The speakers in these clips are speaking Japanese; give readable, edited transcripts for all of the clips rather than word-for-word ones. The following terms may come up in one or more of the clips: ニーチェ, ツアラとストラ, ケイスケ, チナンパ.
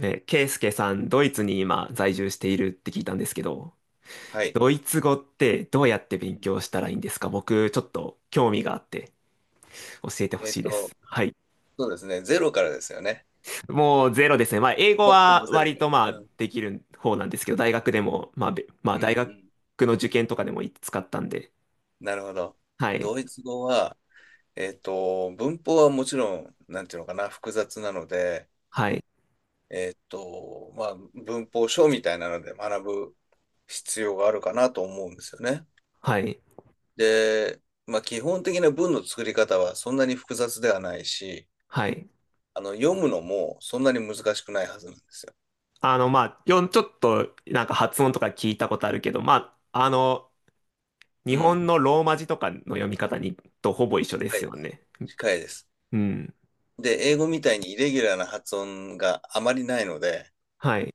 え、ケイスケさん、ドイツに今在住しているって聞いたんですけど、はい。ドイツ語ってどうやってう勉ん。強したらいいんですか？僕、ちょっと興味があって教えてほえっしいでと、す。はい。そうですね。ゼロからですよね。もうゼロですね。まあ、英語ほはぼゼロ割かとまあ、ら。うん。できる方なんですけど、大学でも、まあ、べまうあ、んう大学ん。の受験とかでも使ったんで、なるほど。はい。ドイツ語は、文法はもちろん、なんていうのかな、複雑なので、はい。まあ、文法書みたいなので学ぶ必要があるかなと思うんですよね。はい。で、まあ、基本的な文の作り方はそんなに複雑ではないし、はい。読むのもそんなに難しくないはずなんですよ。あの、まあ、ちょっとなんか発音とか聞いたことあるけど、まあ、あの、日うん。本のローマ字とかの読み方にとほぼ一緒ではすい。よね。近いです。うん。で、英語みたいにイレギュラーな発音があまりないので、はい。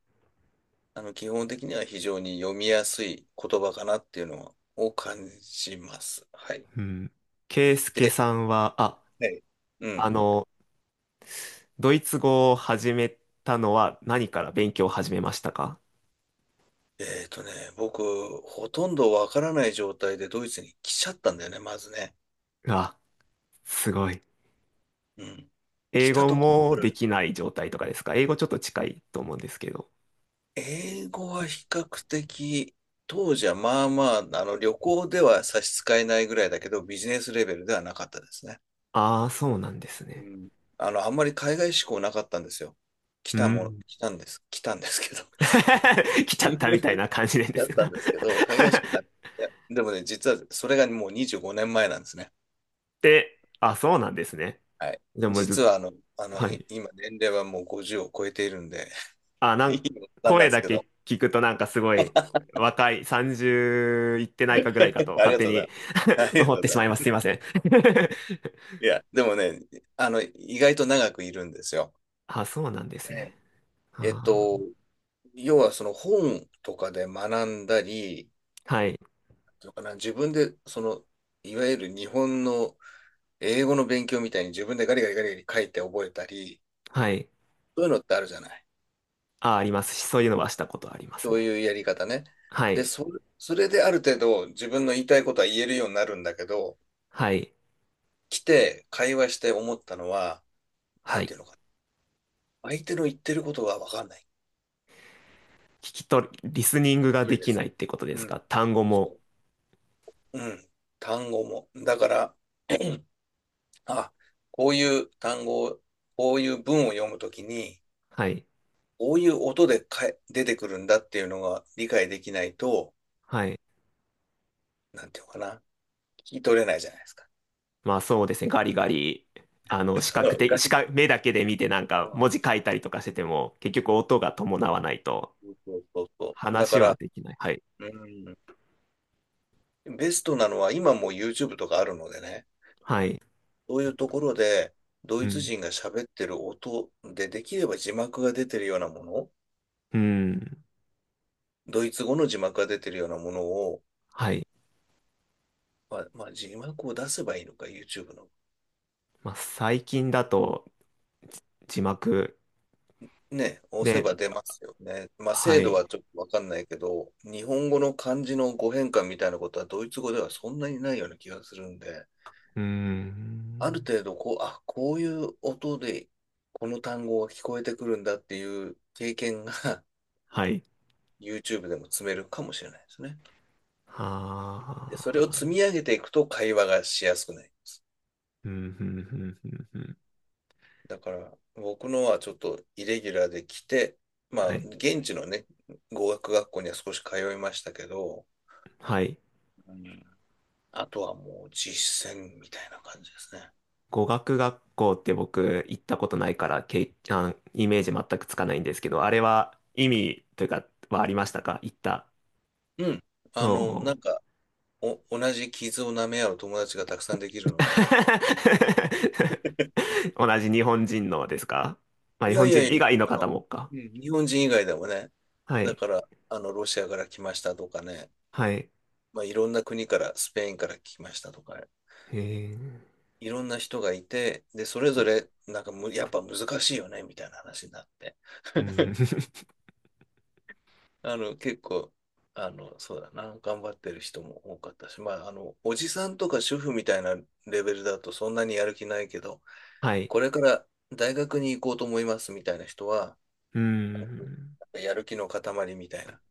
基本的には非常に読みやすい言葉かなっていうのを感じます。はい。うん。ケイスケで、さんは、はい、うん。あの、ドイツ語を始めたのは何から勉強を始めましたか？えっとね、僕、ほとんどわからない状態でドイツに来ちゃったんだよね、まずね。あ、すごい。うん。来英た語とこもろかでら、きない状態とかですか？英語ちょっと近いと思うんですけど。英語は比較的、当時はまあまあ、旅行では差し支えないぐらいだけど、ビジネスレベルではなかったですね。ああ、そうなんですうね。ん。あんまり海外志向なかったんですよ。来うたもの、ん。来たんです。来たんですけど。来ちゃったみたい な感じなんでだすったが ん ですけど、海外志向なくて。でもね、実はそれがもう25年前なんですね。で、あ、そうなんですね。はい。じゃあもう実ず、ははい。今年齢はもう50を超えているんで、あ、ないん、いおっさんなん声ですだけけど。聞くとなんかすごい 若い、30いってないかぐらいかとあり勝が手とうございに ます。あ りが思っとうてごしざいまいます。ますす。いません。いや、でもね、意外と長くいるんですよ。あ、そうなんですえね。ええっあと、ー、要はその本とかで学んだり、はい。のかな、自分で、いわゆる日本の英語の勉強みたいに自分でガリガリガリガリ書いて覚えたり、はい。そういうのってあるじゃない。あ、ありますし、そういうのはしたことありますそうね。いうやり方ね。はで、い。それである程度自分の言いたいことは言えるようになるんだけど、はい。来て会話して思ったのは、なはんてい。いうのかな、相手の言ってることが分かんない。聞き取り、リスニングがそでうできなす。いってことでうすん。か？単語も。そう。うん。単語も。だから、あ、こういう単語を、こういう文を読むときに、はい。こういう音で出てくるんだっていうのが理解できないと、はい。なんていうのかな、聞き取れないじゃないですか。まあそうですね。ガリガリ。あ の、視そ覚的、視う覚、目だけで見てなんか文字書いたりとかしてても、結局音が伴わないと、そうそうそう、だ話かはら、できない。はい。うん、ベストなのは今もう YouTube とかあるのでね、はい。そういうところでドうイツん。人が喋ってる音でできれば字幕が出てるようなもの、うん。ドイツ語の字幕が出てるようなものを、はい。まあ字幕を出せばいいのか、YouTube の。まあ、最近だと字幕ね、押せで、ば出ますよね。まあ、は精度い。はちょっとわかんないけど、日本語の漢字の語変換みたいなことはドイツ語ではそんなにないような気がするんで、うあるん。程度こう、あ、こういう音でこの単語が聞こえてくるんだっていう経験が はい。YouTube でも積めるかもしれないですね。はで、それを積あ。み上げていくと会話がしやすくなります。うん、うん、うん、うん。うんだから、僕のはちょっとイレギュラーで来て、まあ、はい。現地のね、語学学校には少し通いましたけど、はい。うん、あとはもう実践みたいな感じですね。語学学校って僕行ったことないから、イメージ全くつかないんですけど、あれは意味というか、はありましたか？行った。うん。おなんう か、同じ傷を舐め合う友達がたくさんできるの で。同じ日本人のですか？まあ、い日や本いや人い以や、外のあ方の、もか。うん、日本人以外でもね、はだい。から、ロシアから来ましたとかね、はい。まあ、いろんな国から、スペインから来ましたとか、えー、いろんな人がいて、で、それはぞい。れ、なんかやっぱ難しいよね、みたいな話になって。うん。結構、そうだな、頑張ってる人も多かったし、まあ、おじさんとか主婦みたいなレベルだとそんなにやる気ないけど、はい。これから大学に行こうと思いますみたいな人は、う本ん。当にやる気の塊みたいな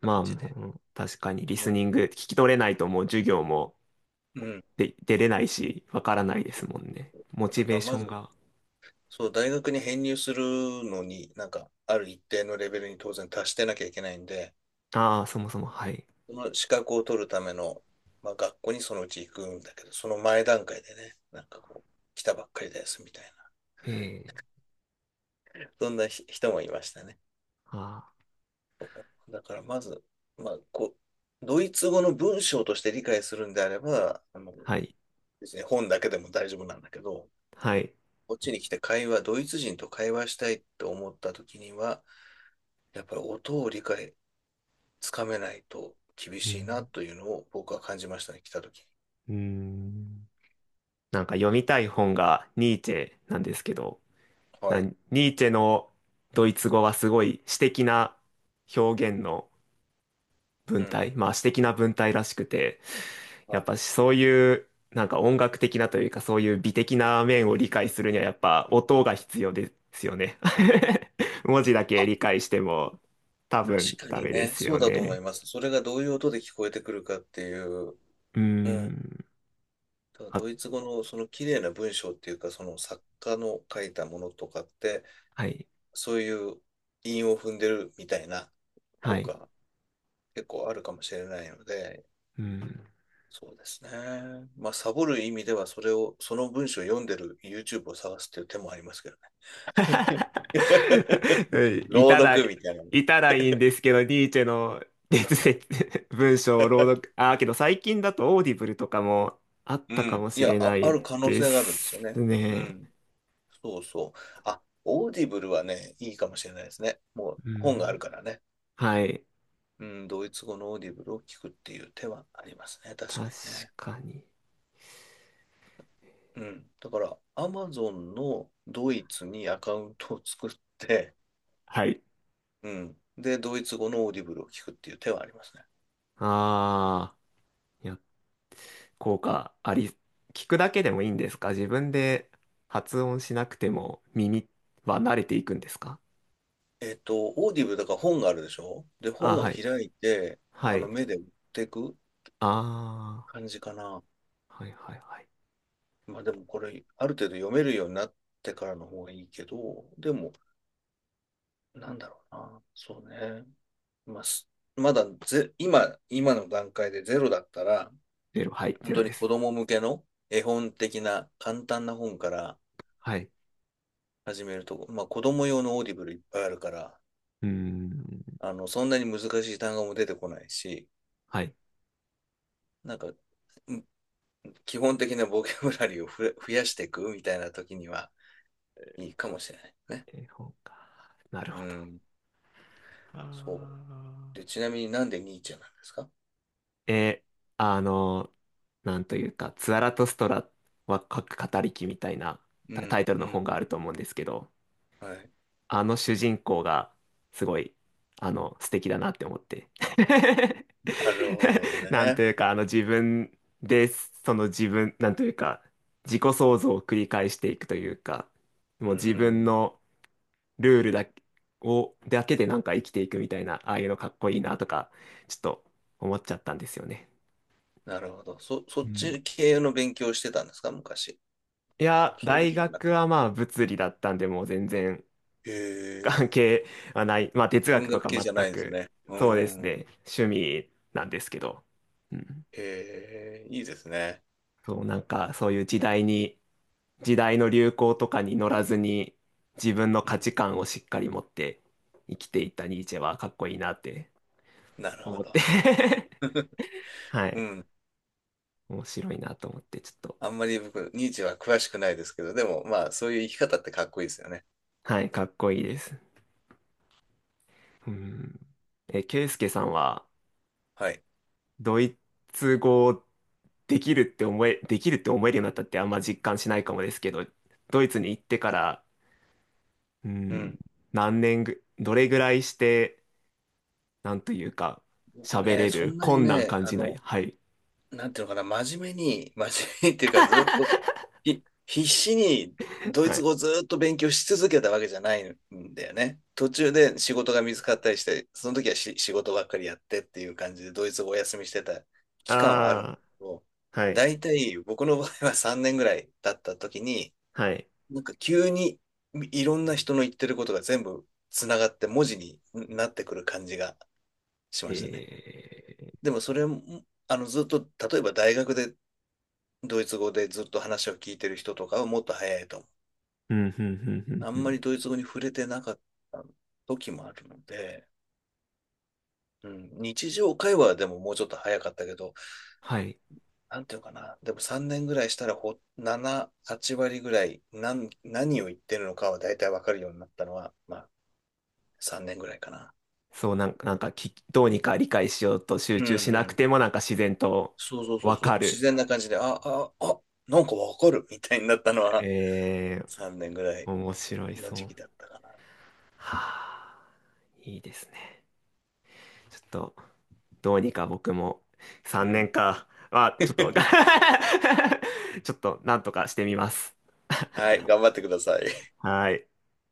まあ、感もじで。う確かにリうスん。ニング聞き取れないともう授業もうん。で出れないし、わからないでそうすもんそうね。そう、モチだかベーらショまンず、が。そう、大学に編入するのに、なんか、ある一定のレベルに当然達してなきゃいけないんで、ああ、そもそも、はい。その資格を取るための、まあ、学校にそのうち行くんだけど、その前段階でね、なんかこう、来たばっかりですみたいええ、な、そんな人もいましたね。ああ、だからまず、まあ、こう、ドイツ語の文章として理解するんであれば、はい。本だけでも大丈夫なんだけど、はい。こっちに来てドイツ人と会話したいって思った時には、やっぱり音を理解、つかめないと厳うしいなん。というのを僕は感じましたね、来た時に。うん。なんか読みたい本がニーチェなんですけど、はい。ニーチェのドイツ語はすごい詩的な表現のう文ん。体、まあ詩的な文体らしくて、はやい。っあ、ぱそういうなんか音楽的なというかそういう美的な面を理解するにはやっぱ音が必要ですよね。文字だけ理解しても多確分かダにメでね、すそうよだと思ね。います。それがどういう音で聞こえてくるかっていう、うーうん。ん。ただあ、ドイツ語のその綺麗な文章っていうか、その作家の書いたものとかって、はい。そういう韻を踏んでるみたいなは効果い。が結構あるかもしれないので、うん。そうですね。まあ、サボる意味では、その文章を読んでる YouTube を探すっていう手もありますけどね。うんい朗たら、読みたいなね。いたらいいんですけど、ニーチェの哲説、文章を朗読、ああ、けど最近だとオーディブルとかもあっうたかん。もいしや、れなあいる可能で性があるんですすよね。うね。ん。そうそう。あ、オーディブルはね、いいかもしれないですね。もうう本があるん。からね。はい。うん、ドイツ語のオーディブルを聞くっていう手はありますね。確か確にね。かに。うん。だから、アマゾンのドイツにアカウントを作って、はい。うん。で、ドイツ語のオーディブルを聞くっていう手はありますね。ああ、いや、効果あり、聞くだけでもいいんですか？自分で発音しなくても耳は慣れていくんですか？オーディブルだから本があるでしょ。で、あ、本をはい。開いて、はい。目で追っていくあ感じかな。あ、はいはいはい。まあでもこれ、ある程度読めるようになってからの方がいいけど、でも、なんだろうな。そうね。まあ、すまだぜ、今、今、の段階でゼロだったら、ゼロ、はい、本ゼロ当でに子す。供向けの絵本的な簡単な本からはい。始めると、まあ子供用のオーディブルいっぱいあるから、うーん、そんなに難しい単語も出てこないし、はい。なんか、ん基本的なボキャブラリーを増やしていくみたいな時にはいいかもしれないね。絵本か。なるうほど。ん、あそう。で、ちなみになんでニーチェなんですか？ーあの、なんというか、ツアラとストラは書く語り木みたいなうタん、タイトルうの本ん。があると思うんですけど、はい。あの主人公がすごい、あの、素敵だなって思って。なるほど なんとね。いうか、あの自分で、その自分、なんというか、自己創造を繰り返していくというか、うもん、うう自分ん。のルールだけ、を、だけでなんか生きていくみたいな、ああいうのかっこいいなとか、ちょっと思っちゃったんですよね。なるほど。そうっん。ち系の勉強をしてたんですか、昔？いや、そういうこ大とじゃな学くて。はまあ物理だったんで、もう全然へ関え。係はない。まあ哲文学と学か系じゃ全ないんですく、ね。うそうですん。ね、趣味なんですけど。うん。へえ、いいですね。そう、なんかそういう時代に、時代の流行とかに乗らずに、自分のう価ん。値観をしっかり持って生きていったニーチェはかっこいいなってなるほ思って ど。はうい。ん。面白いなと思って、ちょっと、あんまり僕、ニーチェは詳しくないですけど、でもまあ、そういう生き方ってかっこいいですよね。はい、かっこいいです。うん。え、ケイスケさんは、はい。ドイツ語できるって思えるようになったってあんま実感しないかもですけど、ドイツに行ってから、ううん、ん。何年ぐ、どれぐらいして、なんというか、僕喋ね、れそる、んなに困難ね、感じない。はい。なんていうのかな、真面目に、真面目に っていうか、ずっと、必死にドイはツい。語をずっと勉強し続けたわけじゃないんだよね。途中で仕事が見つかったりして、その時は仕事ばっかりやってっていう感じで、ドイツ語をお休みしてた期間はあるんだあけど、あ、はい。大体僕の場合は3年ぐらい経った時に、はい。なんか急にいろんな人の言ってることが全部つながって文字になってくる感じがしましたね。えでもそれも、ずっと例えば大学でドイツ語でずっと話を聞いてる人とかはもっと早いと思う。ー、うん、うん、うん、あうん、うんまん。りドイツ語に触れてなかった時もあるので、うん、日常会話でももうちょっと早かったけど、はい。なんていうかな、でも3年ぐらいしたら7、8割ぐらい何を言ってるのかは大体わかるようになったのは、まあ3年ぐらいかな。そう、なんか、なんかき、どうにか理解しようと集う中んしなうくん。ても、なんか自然とそうそうそうわそかう。自る。然な感じで、あ、なんかわかるみたいになったのはえ3年ぐらー、い面白いのそ時う。期だったかな。はあ、いいですね。ちょっと、どうにか僕もう3年ん。か。あ、ちょっと、ちょっと、なんとかしてみます。はい、頑張ってください。はい。